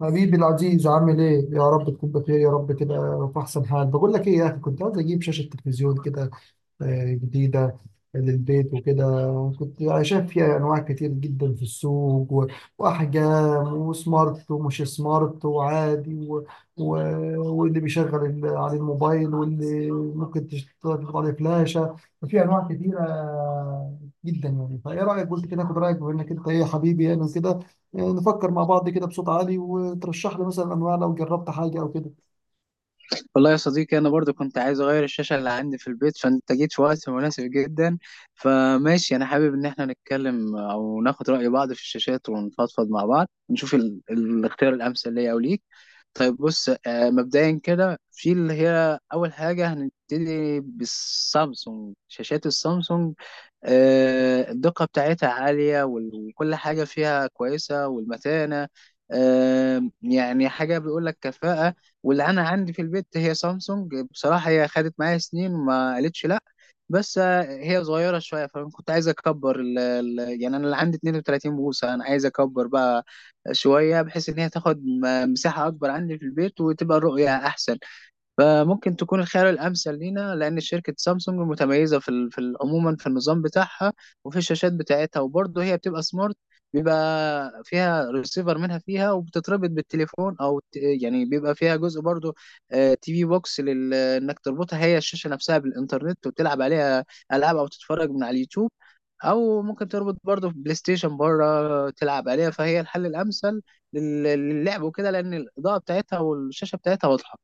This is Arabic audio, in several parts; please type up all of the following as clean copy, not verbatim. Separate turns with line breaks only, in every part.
حبيبي العزيز عامل ايه؟ يا رب تكون بخير، يا رب كده في احسن حال. بقول لك ايه يا اخي، كنت عايز اجيب شاشة تلفزيون كده، جديدة للبيت وكده. كنت شايف فيها أنواع كتير جدا في السوق وأحجام، وسمارت ومش سمارت وعادي و... واللي بيشغل على الموبايل، واللي ممكن تشتغل عليه فلاشة. ففي أنواع كتيرة جدا يعني. فإيه رأيك؟ قلت كده آخد رأيك، بما إنك أنت إيه حبيبي يعني، وكده. نفكر مع بعض كده بصوت عالي، وترشح لي مثلا أنواع لو جربت حاجة أو كده.
والله يا صديقي انا برضو كنت عايز اغير الشاشه اللي عندي في البيت، فانت جيت في وقت مناسب جدا. فماشي انا حابب ان احنا نتكلم او ناخد راي بعض في الشاشات ونفضفض مع بعض نشوف الاختيار الامثل ليا او ليك. طيب بص، مبدئيا كده في اللي هي اول حاجه هنبتدي بالسامسونج، شاشات السامسونج. الدقة بتاعتها عالية وكل حاجة فيها كويسة والمتانة. يعني حاجة بيقول لك كفاءة. واللي أنا عندي في البيت هي سامسونج، بصراحة هي خدت معايا سنين ما قالتش لأ. بس هي صغيرة شوية، فأنا كنت عايز أكبر يعني أنا اللي عندي 32 بوصة، أنا عايز أكبر بقى شوية بحيث إن هي تاخد مساحة أكبر عندي في البيت وتبقى الرؤية أحسن. فممكن تكون الخيار الأمثل لينا، لأن شركة سامسونج متميزة عموما في النظام بتاعها وفي الشاشات بتاعتها. وبرضه هي بتبقى سمارت، بيبقى فيها ريسيفر منها، فيها وبتتربط بالتليفون أو يعني بيبقى فيها جزء برضه. تي في بوكس إنك تربطها هي الشاشة نفسها بالإنترنت وتلعب عليها ألعاب أو تتفرج من على اليوتيوب، أو ممكن تربط برضه بلاي ستيشن بره تلعب عليها. فهي الحل الأمثل لل- للعب وكده، لأن الإضاءة بتاعتها والشاشة بتاعتها واضحة.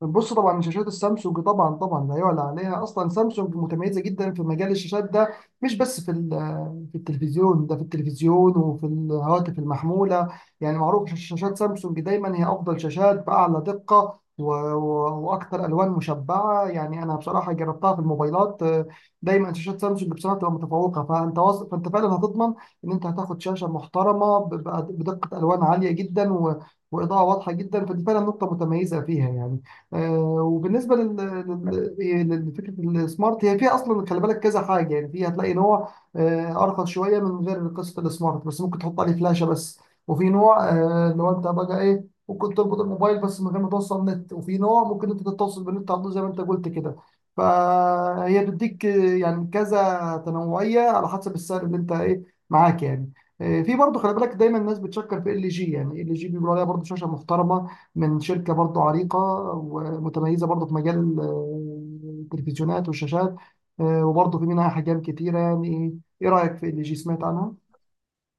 بص، طبعا شاشات السامسونج طبعا طبعا لا يعلى عليها اصلا. سامسونج متميزه جدا في مجال الشاشات ده، مش بس في التلفزيون. ده في التلفزيون وفي الهواتف المحموله، يعني معروف شاشات سامسونج دايما هي افضل شاشات، باعلى دقه واكثر الوان مشبعه. يعني انا بصراحه جربتها في الموبايلات، دايما شاشات سامسونج بصراحه بتبقى متفوقه. فانت فانت فعلا هتضمن ان انت هتاخد شاشه محترمه بدقه الوان عاليه جدا واضاءه واضحه جدا. فدي فعلا نقطه متميزه فيها يعني. وبالنسبه لفكره السمارت، هي فيها اصلا خلي بالك كذا حاجه. يعني فيها هتلاقي نوع ارخص شويه من غير قصه السمارت، بس ممكن تحط عليه فلاشه بس. وفي نوع اللي هو انت بقى ايه، ممكن تربط الموبايل بس من غير ما توصل نت. وفي نوع ممكن انت تتصل بالنت على طول زي ما انت قلت كده. فهي بتديك يعني كذا تنوعيه على حسب السعر اللي انت ايه معاك يعني. في برضه خلي بالك، دايما الناس بتشكر في ال جي. يعني ال جي بيقولوا عليها برضه شاشه محترمه من شركه برضه عريقه، ومتميزة برضه في مجال التلفزيونات والشاشات. وبرضه في منها حاجات كتيرة يعني. إيه رأيك في اللي جي، سمعت عنها؟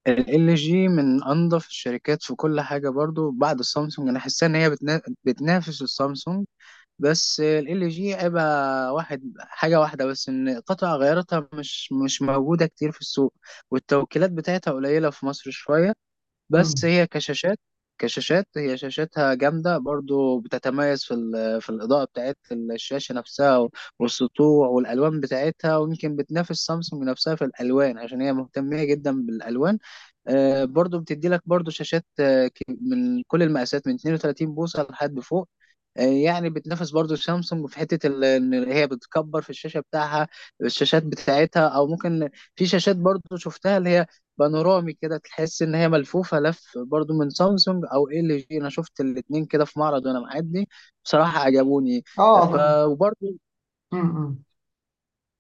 ال جي من انظف الشركات في كل حاجه، برضو بعد السامسونج انا حاسه ان هي بتنافس السامسونج. بس ال جي عيبها حاجه واحده بس، ان قطع غياراتها مش موجوده كتير في السوق، والتوكيلات بتاعتها قليله في مصر شويه. بس
مم.
هي كشاشات، كشاشات هي شاشاتها جامدة برضو، بتتميز في الإضاءة بتاعت الشاشة نفسها والسطوع والألوان بتاعتها، ويمكن بتنافس سامسونج نفسها في الألوان عشان هي مهتمة جدا بالألوان. برضو بتدي لك برضو شاشات، من كل المقاسات من 32 بوصة لحد فوق. يعني بتنافس برضو سامسونج في حتة ان هي بتكبر في الشاشة بتاعها، الشاشات بتاعتها او ممكن. في شاشات برضو شفتها اللي هي بانورامي كده، تحس ان هي ملفوفة لف، برضو من سامسونج او ال جي، انا شفت الاتنين كده في معرض وانا معدي، بصراحة عجبوني.
آه
ف
ده.
وبرضو
مم. مم.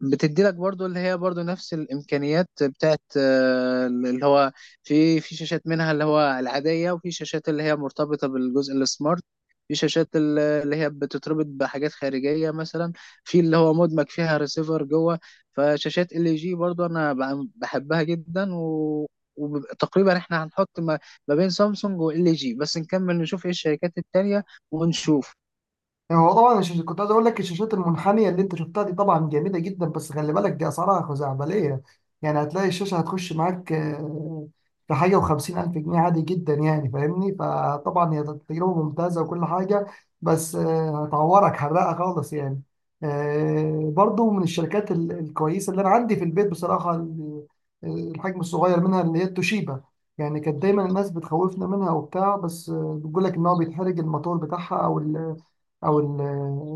بتدي لك برضو اللي هي برضو نفس الامكانيات بتاعت اللي هو في شاشات منها اللي هو العاديه، وفي شاشات اللي هي مرتبطه بالجزء السمارت. في شاشات اللي هي بتتربط بحاجات خارجيه، مثلا في اللي هو مدمج فيها ريسيفر جوه. فشاشات ال جي برضو انا بحبها جدا، وتقريبا احنا هنحط ما بين سامسونج وال جي، بس نكمل نشوف ايه الشركات التانية ونشوف.
هو طبعا كنت عايز اقول لك، الشاشات المنحنيه اللي انت شفتها دي طبعا جميله جدا، بس خلي بالك دي اسعارها خزعبليه. يعني هتلاقي الشاشه هتخش معاك في حاجه وخمسين الف جنيه عادي جدا يعني، فاهمني؟ فطبعا هي تجربه ممتازه وكل حاجه، بس هتعورك حرقه خالص يعني. برضو من الشركات الكويسه اللي انا عندي في البيت بصراحه، الحجم الصغير منها اللي هي التوشيبا. يعني كانت دايما الناس بتخوفنا منها وبتاع، بس بتقول لك ان هو بيتحرق الموتور بتاعها او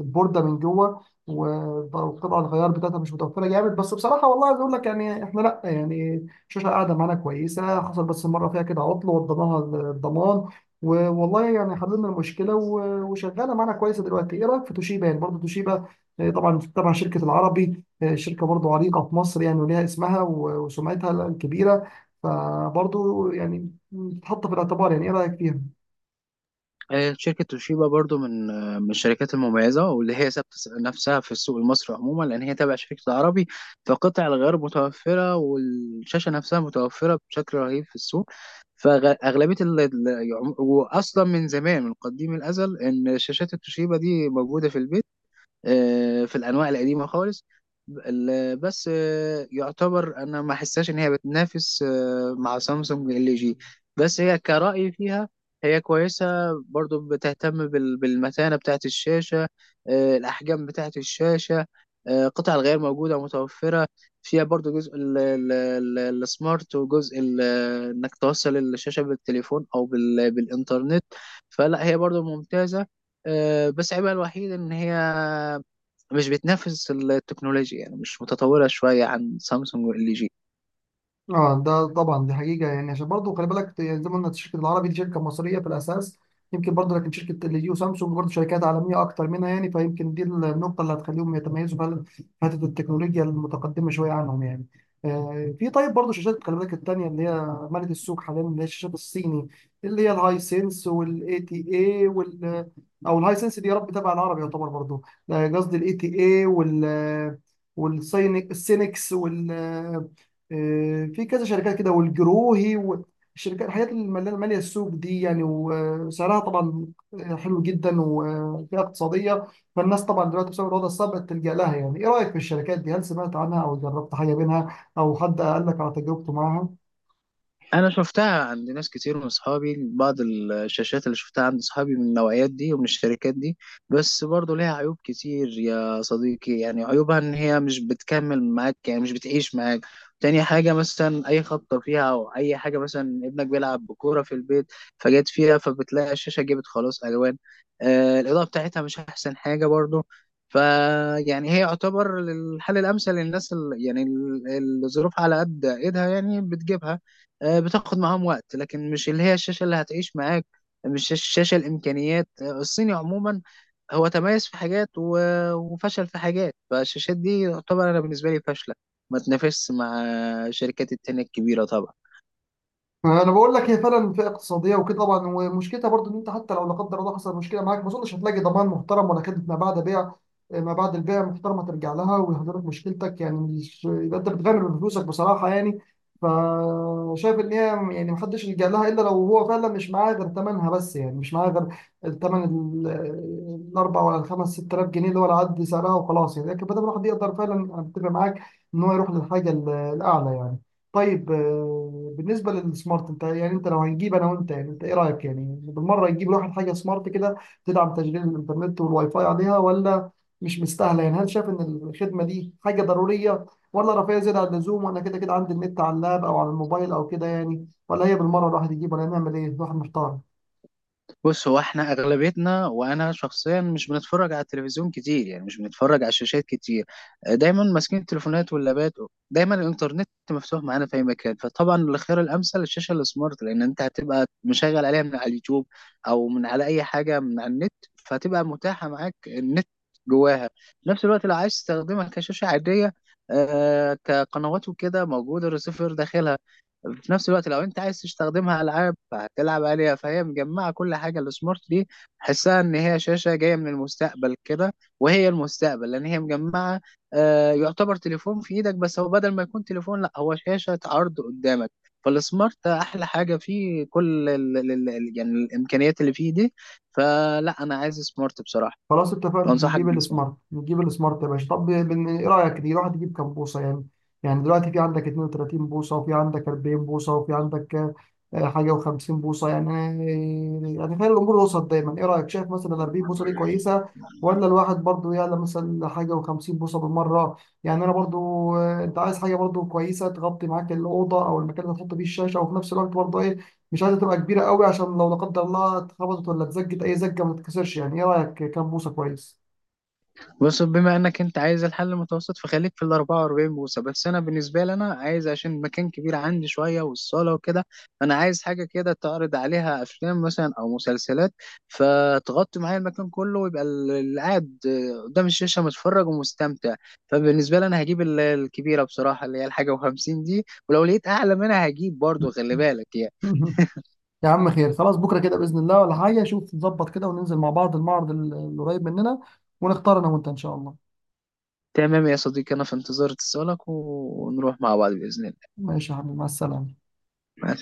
البورده من جوه. وبتبقى الغيار بتاعتها مش متوفره جامد. بس بصراحه والله عايز اقول لك يعني، احنا لا، يعني الشاشه قاعده معانا كويسه، حصل بس مره فيها كده عطل وضناها الضمان والله يعني حللنا المشكله، وشغاله معانا كويسه دلوقتي. ايه رايك في توشيبا يعني؟ برضه توشيبا، طبعا طبعا شركه العربي، شركه برضه عريقه في مصر يعني، وليها اسمها وسمعتها الكبيره. فبرضه يعني تتحط في الاعتبار. يعني ايه رايك فيها؟
شركة توشيبا برضو من الشركات المميزة، واللي هي ثابتة نفسها في السوق المصري عموما، لأن هي تابعة شركة العربي. فقطع الغيار متوفرة والشاشة نفسها متوفرة بشكل رهيب في السوق. فأغلبية وأصلا من زمان من قديم الأزل إن شاشات التوشيبا دي موجودة في البيت. في الانواع القديمه خالص. بس يعتبر انا ما حساش ان هي بتنافس مع سامسونج ال جي. بس هي كرأي فيها هي كويسة، برضو بتهتم بالمتانة بتاعة الشاشة. الأحجام بتاعة الشاشة. قطع الغيار موجودة متوفرة. فيها برضو جزء السمارت وجزء إنك توصل الشاشة بالتليفون أو بالإنترنت. فلا هي برضو ممتازة. بس عيبها الوحيد إن هي مش بتنافس التكنولوجيا، يعني مش متطورة شوية عن سامسونج وال جي.
اه ده طبعا، دي حقيقة يعني. عشان برضه خلي بالك يعني، زي ما قلنا الشركة العربي دي شركة مصرية في الأساس يمكن برضه، لكن شركة ال جي وسامسونج برضه شركات عالمية أكتر منها يعني. فيمكن دي النقطة اللي هتخليهم يتميزوا فعلا في حتة التكنولوجيا المتقدمة شوية عنهم يعني. في، طيب برضه شاشات خلي بالك التانية اللي هي مالت السوق حاليا، اللي هي الشاشات الصيني، اللي هي الهاي سينس والاي تي اي وال أو الهاي سينس دي يا رب تبع العربي يعتبر برضه. قصدي الاي تي اي والسينك السينكس، في كذا شركات كده، والجروهي والشركات، الحاجات اللي ماليه السوق دي يعني. وسعرها طبعا حلو جدا وفيها اقتصاديه. فالناس طبعا دلوقتي بسبب الوضع الصعب بتلجأ لها يعني. ايه رايك في الشركات دي، هل سمعت عنها او جربت حاجه منها او حد قال لك على تجربته معاها؟
انا شفتها عند ناس كتير من اصحابي، بعض الشاشات اللي شفتها عند اصحابي من النوعيات دي ومن الشركات دي. بس برضو ليها عيوب كتير يا صديقي، يعني عيوبها ان هي مش بتكمل معاك، يعني مش بتعيش معاك. تاني حاجة مثلا أي خبطة فيها أو أي حاجة، مثلا ابنك بيلعب بكورة في البيت فجت فيها، فبتلاقي الشاشة جابت خلاص ألوان. الإضاءة بتاعتها مش أحسن حاجة برضو. فيعني هي يعتبر الحل الأمثل للناس يعني الظروف على قد إيدها، يعني بتجيبها. بتاخد معاهم وقت لكن مش اللي هي الشاشة اللي هتعيش معاك، مش الشاشة الإمكانيات. الصيني عموما هو تميز في حاجات وفشل في حاجات. فالشاشات دي طبعا أنا بالنسبة لي فاشلة، ما تنافسش مع الشركات التانية الكبيرة طبعا.
انا بقول لك هي فعلا فئه اقتصاديه وكده طبعا، ومشكلتها برضو ان انت حتى لو لا قدر الله حصل مشكله معاك، ما اظنش هتلاقي ضمان محترم ولا كده، ما بعد بيع، ما بعد البيع محترمه ترجع لها ويهدر لك مشكلتك يعني. مش يبقى انت بتغامر بفلوسك بصراحه يعني. فشايف ان هي يعني محدش يلجأ لها الا لو هو فعلا مش معاه غير ثمنها بس، يعني مش معاه غير الثمن الاربع ولا الخمس ست آلاف جنيه اللي هو العد سعرها وخلاص يعني. لكن بدل ما الواحد يقدر فعلا، انا بتفق معاك ان هو يروح للحاجه الاعلى يعني. طيب بالنسبة للسمارت، انت يعني، انت لو هنجيب انا وانت يعني، انت ايه رأيك؟ يعني بالمرة نجيب الواحد حاجة سمارت كده تدعم تشغيل الانترنت والواي فاي عليها، ولا مش مستاهلة يعني؟ هل شايف ان الخدمة دي حاجة ضرورية، ولا رفاهية زيادة عن اللزوم، وانا كده كده عندي النت على اللاب او على الموبايل او كده يعني؟ ولا هي بالمرة الواحد يجيب، ولا نعمل ايه؟ الواحد محتار.
بص، هو احنا اغلبيتنا وانا شخصيا مش بنتفرج على التلفزيون كتير، يعني مش بنتفرج على الشاشات كتير. دايما ماسكين التليفونات واللابات، دايما الانترنت مفتوح معانا في اي مكان. فطبعا الخيار الامثل الشاشه السمارت، لان انت هتبقى مشغل عليها من على اليوتيوب او من على اي حاجه من على النت، فهتبقى متاحه معاك النت جواها. في نفس الوقت لو عايز تستخدمها كشاشه عاديه، كقنوات وكده، موجوده الريسيفر داخلها. في نفس الوقت لو انت عايز تستخدمها العاب فهتلعب عليها، فهي مجمعه كل حاجه السمارت دي. حسها ان هي شاشه جايه من المستقبل كده، وهي المستقبل لان هي مجمعه. يعتبر تليفون في ايدك، بس هو بدل ما يكون تليفون لا، هو شاشه عرض قدامك. فالسمارت ده احلى حاجه فيه، كل ال ال ال يعني الامكانيات اللي فيه دي. فلا انا عايز سمارت بصراحه،
خلاص، اتفقنا
وانصحك
نجيب
بالسمارت.
السمارت. نجيب السمارت يا باشا. طب ايه رايك، دي الواحد يجيب كام بوصه يعني؟ يعني دلوقتي في عندك 32 بوصه، وفي عندك 40 بوصه، وفي عندك حاجه و50 بوصه يعني. يعني خلي الامور وسط دايما. ايه رايك، شايف مثلا ال 40 بوصه دي كويسه، ولا الواحد برضو يعلى مثلا حاجه و50 بوصه بالمره؟ يعني انا برضو، انت عايز حاجه برضو كويسه تغطي معاك الاوضه او المكان اللي هتحط فيه الشاشه، وفي نفس الوقت برضو إيه، مش عايزه تبقى كبيره قوي عشان لو لا قدر الله اتخبطت ولا اتزجت اي زجه ما تتكسرش يعني. ايه رايك، كام بوصه كويس؟
بص، بما انك انت عايز الحل المتوسط فخليك في ال 44 بوصه، بس انا بالنسبه لي انا عايز عشان مكان كبير عندي شويه والصاله وكده. فانا عايز حاجه كده تعرض عليها افلام مثلا او مسلسلات، فتغطي معايا المكان كله، ويبقى اللي قاعد قدام الشاشه متفرج ومستمتع. فبالنسبه لي انا هجيب الكبيره بصراحه اللي هي الحاجه و50 دي، ولو لقيت اعلى منها هجيب برضو، خلي بالك يعني.
يا عم خير، خلاص بكره كده باذن الله ولا حاجه. شوف نظبط كده وننزل مع بعض المعرض القريب مننا، ونختار انا وانت ان شاء الله.
تمام يا صديقي، انا في انتظار اتصالك، ونروح مع بعض باذن الله.
ماشي يا حبيبي، مع السلامه.
مع